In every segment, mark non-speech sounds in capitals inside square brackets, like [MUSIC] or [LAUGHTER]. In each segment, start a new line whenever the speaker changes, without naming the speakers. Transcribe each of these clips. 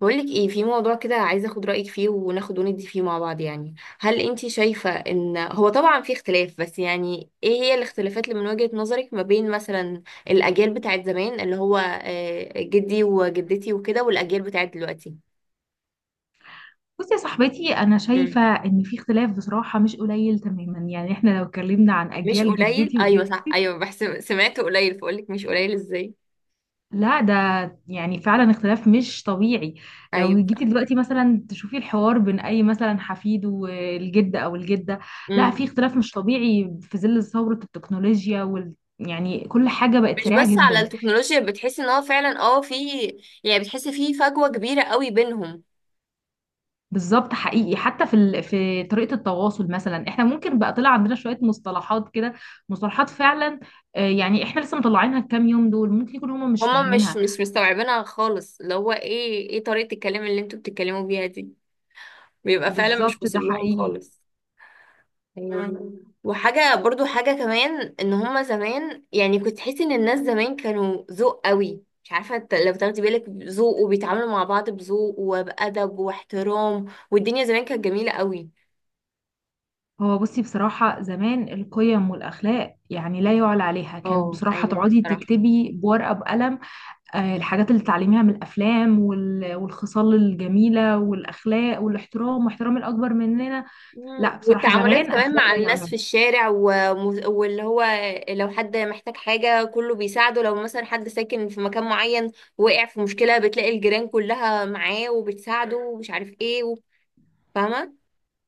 بقولك ايه في موضوع كده، عايزه اخد رايك فيه وناخد وندي فيه مع بعض يعني. هل انتي شايفه ان هو طبعا في اختلاف، بس يعني ايه هي الاختلافات اللي من وجهه نظرك ما بين مثلا الاجيال بتاعت زمان اللي هو جدي وجدتي وكده، والاجيال بتاعت دلوقتي؟
بصي يا صاحبتي، انا
مم.
شايفه ان في اختلاف بصراحه مش قليل تماما، يعني احنا لو اتكلمنا عن
مش
اجيال
قليل؟
جدتي
ايوه صح،
وجدتي.
ايوه بحسب سمعت قليل، فقولك مش قليل ازاي؟
لا، ده يعني فعلا اختلاف مش طبيعي. لو
ايوه
جيتي
صح.
دلوقتي مثلا تشوفي الحوار بين اي مثلا حفيد والجد او الجده، لا،
امم.
في اختلاف مش طبيعي في ظل ثوره التكنولوجيا يعني كل حاجه بقت
مش
سريعه
بس على
جدا.
التكنولوجيا، بتحسي ان هو فعلا في، يعني بتحسي في فجوه كبيره قوي بينهم.
بالظبط حقيقي، حتى في طريقة التواصل، مثلا احنا ممكن بقى طلع عندنا شوية مصطلحات كده، مصطلحات فعلا. يعني احنا لسه مطلعينها الكام يوم دول، ممكن يكون هما مش
هما مش
فاهمينها.
مش مستوعبينها خالص، اللي هو ايه ايه طريقة الكلام اللي انتوا بتتكلموا بيها دي، بيبقى فعلا مش
بالظبط
واصل
ده
لهم
حقيقي.
خالص. ايوه، مم. وحاجة برضو، حاجة كمان ان هما زمان، يعني كنت تحسي ان الناس زمان كانوا ذوق قوي، مش عارفة لو تاخدي بالك، ذوق، وبيتعاملوا مع بعض بذوق وبأدب واحترام، والدنيا زمان كانت جميلة قوي.
هو بصي، بصراحة زمان القيم والأخلاق يعني لا يعلى عليها، كانت
اه
بصراحة
ايوه
تقعدي
صراحة.
تكتبي بورقة بقلم. الحاجات اللي تتعلميها من الأفلام والخصال الجميلة والأخلاق والاحترام واحترام الأكبر مننا.
مم.
لا، بصراحة
والتعاملات
زمان
كمان
أخلاق
مع
لا
الناس
يعلى.
في الشارع، واللي هو لو حد محتاج حاجة كله بيساعده، لو مثلا حد ساكن في مكان معين وقع في مشكلة بتلاقي الجيران كلها معاه وبتساعده ومش عارف ايه فاهمة.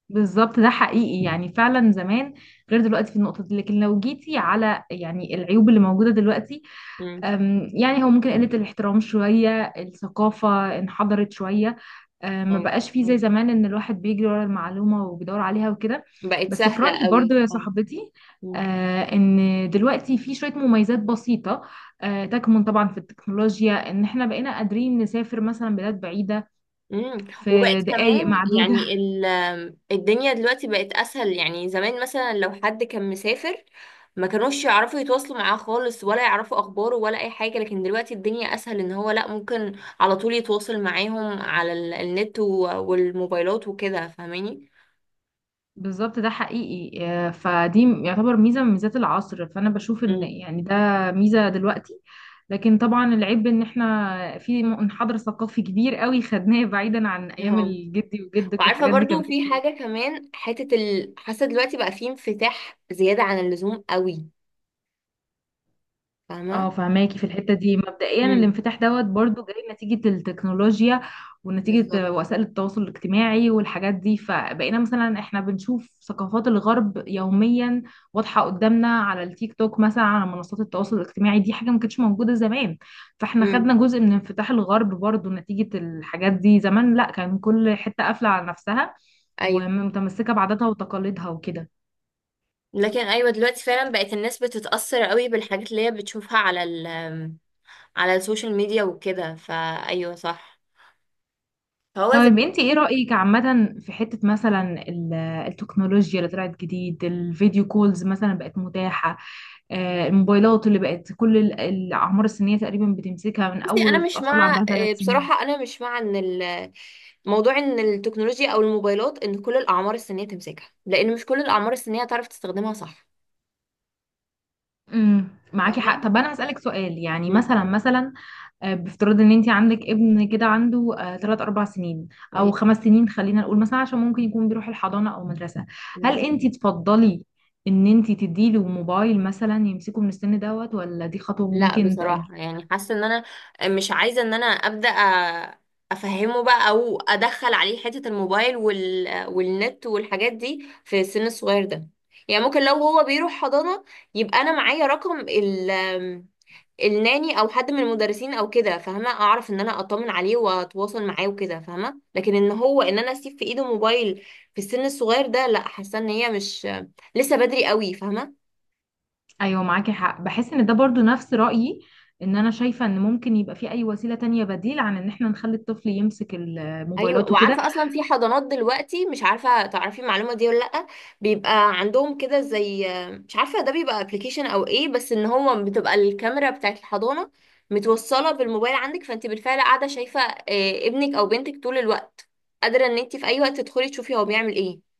بالظبط ده حقيقي، يعني فعلا زمان غير دلوقتي في النقطة دي، لكن لو جيتي على يعني العيوب اللي موجودة دلوقتي.
مم.
يعني هو ممكن قلة الاحترام شوية، الثقافة انحدرت شوية. ما
مم.
بقاش فيه زي
مم.
زمان ان الواحد بيجري ورا المعلومة وبيدور عليها وكده.
بقت
بس في
سهلة
رأيي برضو
قوي
يا
اه.
صاحبتي،
مم.
ان دلوقتي في شوية مميزات بسيطة. تكمن طبعا في التكنولوجيا ان احنا بقينا قادرين نسافر مثلا بلاد بعيدة في
وبقت
دقايق
كمان
معدودة.
يعني الدنيا دلوقتي بقت اسهل، يعني زمان مثلا لو حد كان مسافر ما كانوش يعرفوا يتواصلوا معاه خالص، ولا يعرفوا اخباره، ولا اي حاجه، لكن دلوقتي الدنيا اسهل ان هو لا ممكن على طول يتواصل معاهم على النت والموبايلات وكده فاهماني.
بالظبط ده حقيقي. فدي يعتبر ميزة من ميزات العصر، فأنا بشوف إن
امم.
يعني ده ميزة دلوقتي. لكن طبعا العيب إن إحنا في منحدر ثقافي كبير قوي خدناه بعيدا عن أيام
اهو.
الجدي وجدك،
وعارفه
والحاجات دي
برضو
كانت.
في حاجه كمان، حته حاسه دلوقتي بقى في انفتاح زياده عن اللزوم قوي
اه،
فاهمه.
فهماكي في الحتة دي، مبدئيا
امم.
الانفتاح دوت برضو جاي نتيجة التكنولوجيا،
بالظبط.
ونتيجة وسائل التواصل الاجتماعي والحاجات دي، فبقينا مثلا احنا بنشوف ثقافات الغرب يوميا، واضحة قدامنا على التيك توك مثلا، على منصات التواصل الاجتماعي دي، حاجة ما كانتش موجودة زمان. فاحنا
امم.
خدنا جزء من انفتاح الغرب برضو نتيجة الحاجات دي، زمان لا، كان كل حتة قافلة على نفسها،
ايوه.
ومتمسكة بعاداتها وتقاليدها وكده.
لكن ايوه، دلوقتي فعلا بقت الناس بتتأثر قوي بالحاجات اللي هي بتشوفها على على السوشيال ميديا وكده، فايوه صح. فهو زي.
طيب انت ايه رأيك عامة في حتة مثلا التكنولوجيا اللي طلعت جديد، الفيديو كولز مثلا بقت متاحة. الموبايلات اللي بقت كل الأعمار السنية تقريبا بتمسكها، من
بصي
أول
انا مش
الأطفال
مع،
عندها 3 سنين.
بصراحة انا مش مع ان موضوع ان التكنولوجيا او الموبايلات ان كل الاعمار السنية تمسكها، لان مش كل الاعمار السنية تعرف تستخدمها صح
معاكي حق،
فاهمة.
طب أنا هسألك سؤال، يعني
مم.
مثلا. بافتراض ان انت عندك ابن كده عنده 3 4 سنين او 5 سنين، خلينا نقول، مثلا عشان ممكن يكون بيروح الحضانة او مدرسة. هل
مم.
انت تفضلي ان انت تديله موبايل مثلا يمسكه من السن دوت، ولا دي خطوة
لا
ممكن تأجيل؟
بصراحة، يعني حاسة ان انا مش عايزة ان انا افهمه بقى او ادخل عليه حتة الموبايل والنت والحاجات دي في السن الصغير ده، يعني ممكن لو هو بيروح حضانة يبقى انا معايا رقم الناني او حد من المدرسين او كده فاهمة، اعرف ان انا اطمن عليه واتواصل معاه وكده فاهمة، لكن ان هو ان انا اسيب في ايده موبايل في السن الصغير ده لا، حاسة ان هي مش لسه، بدري قوي فاهمة.
ايوه معاكي حق، بحس ان ده برضو نفس رأيي، ان انا شايفة ان ممكن يبقى في اي وسيلة تانية بديل عن ان احنا نخلي الطفل يمسك
ايوه،
الموبايلات وكده.
وعارفه اصلا في حضانات دلوقتي، مش عارفه تعرفي المعلومه دي ولا لا، بيبقى عندهم كده زي، مش عارفه ده بيبقى ابلكيشن او ايه، بس ان هو بتبقى الكاميرا بتاعت الحضانه متوصله بالموبايل عندك، فانت بالفعل قاعده شايفه ابنك او بنتك طول الوقت، قادره ان انت في اي وقت تدخلي تشوفي هو بيعمل ايه.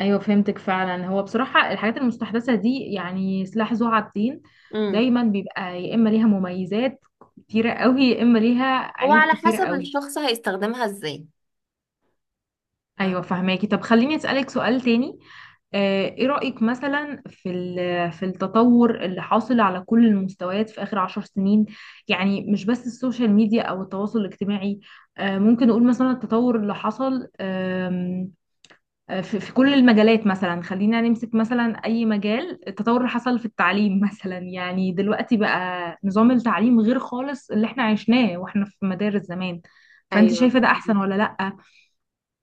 ايوه فهمتك، فعلا هو بصراحه الحاجات المستحدثه دي يعني سلاح ذو حدين.
امم.
دايما بيبقى يا اما ليها مميزات كتيره قوي، يا اما ليها
هو
عيوب
على
كتيره
حسب
قوي.
الشخص هيستخدمها ازاي، فاهمة؟
ايوه فهماكي، طب خليني اسالك سؤال تاني. ايه رايك مثلا في التطور اللي حاصل على كل المستويات في اخر 10 سنين؟ يعني مش بس السوشيال ميديا او التواصل الاجتماعي. ممكن نقول مثلا التطور اللي حصل، في كل المجالات، مثلا خلينا نمسك مثلا اي مجال، التطور اللي حصل في التعليم [LAUGHS] مثلا، يعني دلوقتي بقى نظام التعليم غير خالص اللي احنا عشناه واحنا في مدارس زمان. فانت
ايوه.
شايفة ده احسن ولا لأ؟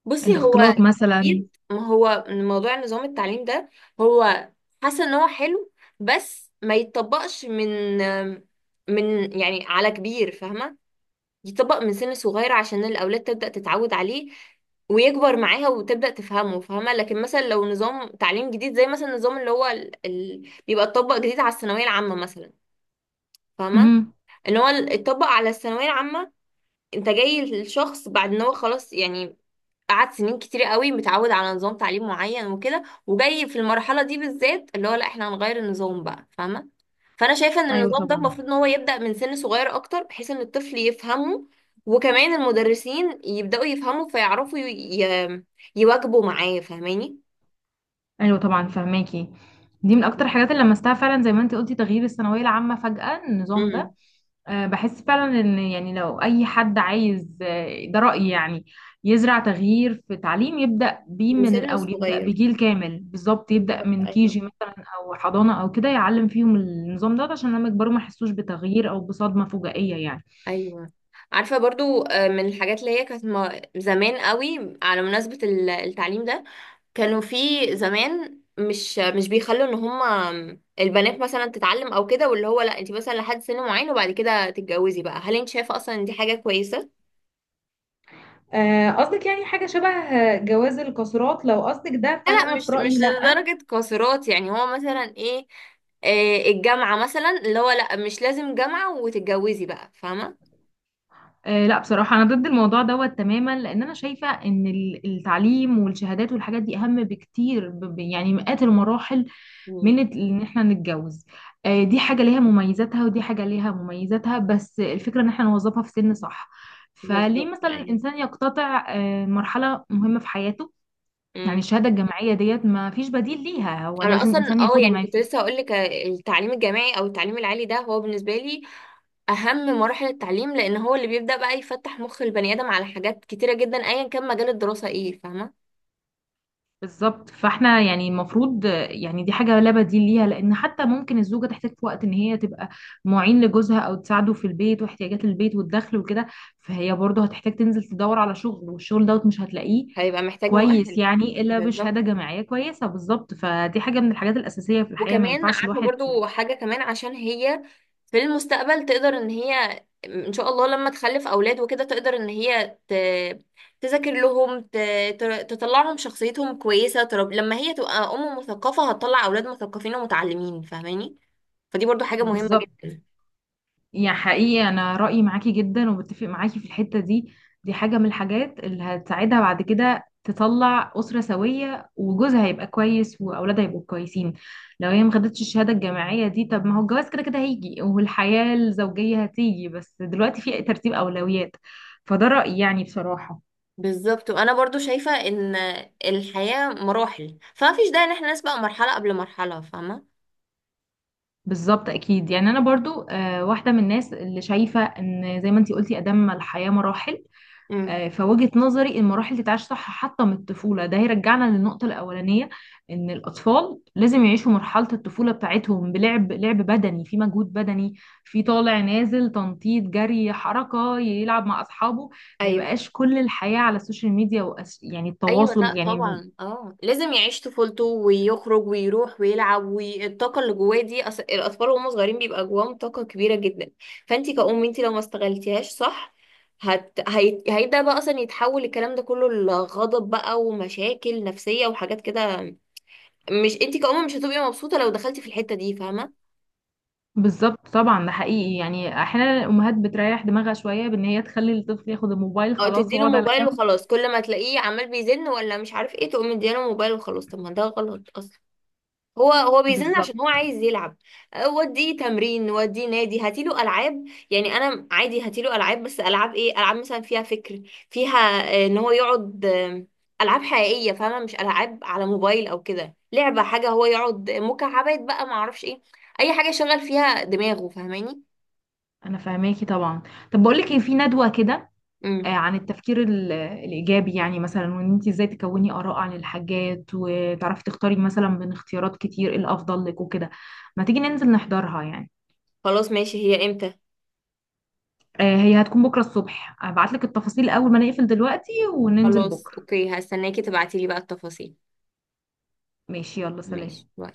بصي هو
الاختلاط مثلا؟
جديد، ما هو موضوع نظام التعليم ده هو حاسه ان هو حلو، بس ما يتطبقش من يعني على كبير فاهمه، يتطبق من سن صغير عشان الاولاد تبدا تتعود عليه، ويكبر معاها وتبدأ تفهمه فاهمة. لكن مثلا لو نظام تعليم جديد زي مثلا النظام اللي هو بيبقى اتطبق جديد على الثانوية العامة مثلا فاهمة،
امم
ان هو اتطبق على الثانوية العامة، انت جاي الشخص بعد ان هو خلاص يعني قعدت سنين كتير قوي متعود على نظام تعليم معين وكده، وجاي في المرحلة دي بالذات اللي هو لا، احنا هنغير النظام بقى فاهمة. فانا شايفة ان
ايوه
النظام ده
طبعا.
المفروض ان هو يبدأ من سن صغير اكتر، بحيث ان الطفل يفهمه، وكمان المدرسين يبدأوا يفهموا فيعرفوا ي... يواكبوا معاه فاهماني.
ايوه طبعا فهماكي. دي من اكتر الحاجات اللي لمستها فعلا، زي ما انت قلتي، تغيير الثانوية العامة فجأة، النظام ده.
امم.
بحس فعلا ان، يعني لو اي حد عايز، ده رأيي يعني، يزرع تغيير في تعليم، يبدأ بيه
من
من
سن
الاول، يبدأ
صغير
بجيل كامل بالظبط، يبدأ
بالظبط
من
ايوه.
كيجي مثلا او حضانة او كده، يعلم فيهم النظام ده عشان لما يكبروا ما يحسوش بتغيير او بصدمة فجائية يعني.
ايوه. عارفة برضو، من الحاجات اللي هي كانت زمان قوي على مناسبة التعليم ده، كانوا في زمان مش بيخلوا ان هما البنات مثلا تتعلم او كده، واللي هو لا انت مثلا لحد سن معين وبعد كده تتجوزي بقى، هل انت شايفه اصلا ان دي حاجه كويسه؟
قصدك يعني حاجة شبه، جواز القاصرات؟ لو قصدك ده
لا، لا،
فأنا في
مش
رأيي لا.
لدرجه قاصرات، يعني هو مثلا ايه، الجامعه مثلا، اللي هو لا مش لازم جامعه وتتجوزي بقى فاهمه.
أه لا، بصراحة أنا ضد الموضوع دوت تماما، لأن أنا شايفة إن التعليم والشهادات والحاجات دي أهم بكتير، يعني مئات المراحل
مم،
ان احنا نتجوز. دي حاجة ليها مميزاتها ودي حاجة ليها مميزاتها، بس الفكرة ان احنا نوظفها في سن صح. فليه
بالظبط
مثلا
ايوه.
الانسان يقتطع مرحلة مهمة في حياته؟ يعني
مم.
الشهادة الجامعية ديت ما فيش بديل ليها، هو
انا
لازم
اصلا
الانسان ياخدها
يعني
ما...
كنت لسه هقول لك، التعليم الجامعي او التعليم العالي ده هو بالنسبه لي اهم مراحل التعليم، لان هو اللي بيبدأ بقى يفتح مخ البني ادم على حاجات كتيرة جدا، ايا كان مجال الدراسة ايه فاهمة.
بالظبط، فاحنا يعني المفروض، يعني دي حاجة لا بديل ليها، لأن حتى ممكن الزوجة تحتاج في وقت إن هي تبقى معين لجوزها، أو تساعده في البيت واحتياجات البيت والدخل وكده. فهي برضه هتحتاج تنزل تدور على شغل، والشغل دوت مش هتلاقيه
هيبقى محتاج
كويس،
مؤهل.
يعني إلا بشهادة
بالظبط.
جامعية كويسة. بالظبط، فدي حاجة من الحاجات الأساسية في الحياة، ما
وكمان
ينفعش
عارفة
الواحد.
برضو حاجة كمان، عشان هي في المستقبل تقدر ان هي، ان شاء الله لما تخلف اولاد وكده، تقدر ان هي تذاكر لهم، تطلعهم شخصيتهم كويسة، لما هي تبقى ام مثقفة هتطلع اولاد مثقفين ومتعلمين فاهماني، فدي برضو حاجة مهمة
بالظبط،
جدا.
يا حقيقي انا رايي معاكي جدا، وبتفق معاكي في الحته دي. دي حاجه من الحاجات اللي هتساعدها بعد كده تطلع اسره سويه، وجوزها هيبقى كويس، واولادها هيبقوا كويسين. لو هي ما خدتش الشهاده الجامعيه دي، طب ما هو الجواز كده كده هيجي، والحياه الزوجيه هتيجي، بس دلوقتي في ترتيب اولويات. فده رايي يعني بصراحه.
بالظبط، وانا برضو شايفة ان الحياة مراحل، فمفيش داعي ان احنا نسبق مرحلة قبل مرحلة فاهمة.
بالظبط اكيد، يعني انا برضو واحده من الناس اللي شايفه ان زي ما انتي قلتي، ادام الحياه مراحل.
امم.
فوجهة نظري المراحل تتعاش صح، حتى من الطفولة، ده هيرجعنا للنقطة الأولانية. إن الأطفال لازم يعيشوا مرحلة الطفولة بتاعتهم، بلعب، لعب بدني، في مجهود بدني، في طالع نازل، تنطيط، جري، حركة، يلعب مع أصحابه. ما
ايوه.
يبقاش كل الحياة على السوشيال ميديا يعني
ايوه،
التواصل،
لا
يعني.
طبعا، اه لازم يعيش طفولته ويخرج ويروح ويلعب، والطاقه اللي جواه دي، الاطفال وهم صغيرين بيبقى جواهم طاقه كبيره جدا، فانت كأم انت لو ما استغلتيهاش صح هيبدا بقى اصلا يتحول الكلام ده كله لغضب بقى ومشاكل نفسيه وحاجات كده، مش انت كأم مش هتبقي مبسوطه لو دخلتي في الحته دي فاهمه.
بالظبط طبعا، ده حقيقي، يعني أحيانا الأمهات بتريح دماغها شوية بإن هي تخلي الطفل ياخد الموبايل
او
خلاص
تديله
ويقعد على
موبايل
جنب.
وخلاص، كل ما تلاقيه عمال بيزن ولا مش عارف ايه تقوم مديله موبايل وخلاص، طب ما ده غلط اصلا، هو بيزن
بالظبط،
عشان هو عايز يلعب. وديه تمرين وديه نادي، هاتيله العاب، يعني انا عادي هاتيله العاب، بس العاب ايه؟ العاب مثلا فيها فكر، فيها ان هو يقعد، العاب حقيقيه فاهمه، مش العاب على موبايل او كده، لعبه، حاجه هو يقعد مكعبات بقى ما اعرفش ايه، اي حاجه يشغل فيها دماغه فاهماني.
أنا فاهماكي طبعا. طب بقولك إيه، في ندوة كده،
امم.
عن التفكير الإيجابي، يعني مثلا وإن أنت إزاي تكوني آراء عن الحاجات، وتعرفي تختاري مثلا من اختيارات كتير إيه الأفضل لك وكده. ما تيجي ننزل نحضرها يعني؟
خلاص ماشي، هي امتى؟
هي هتكون بكرة الصبح، هبعتلك التفاصيل أول ما نقفل دلوقتي، وننزل
خلاص
بكرة.
اوكي، هستناكي تبعتيلي بقى التفاصيل.
ماشي، يلا
ماشي
سلام.
باي.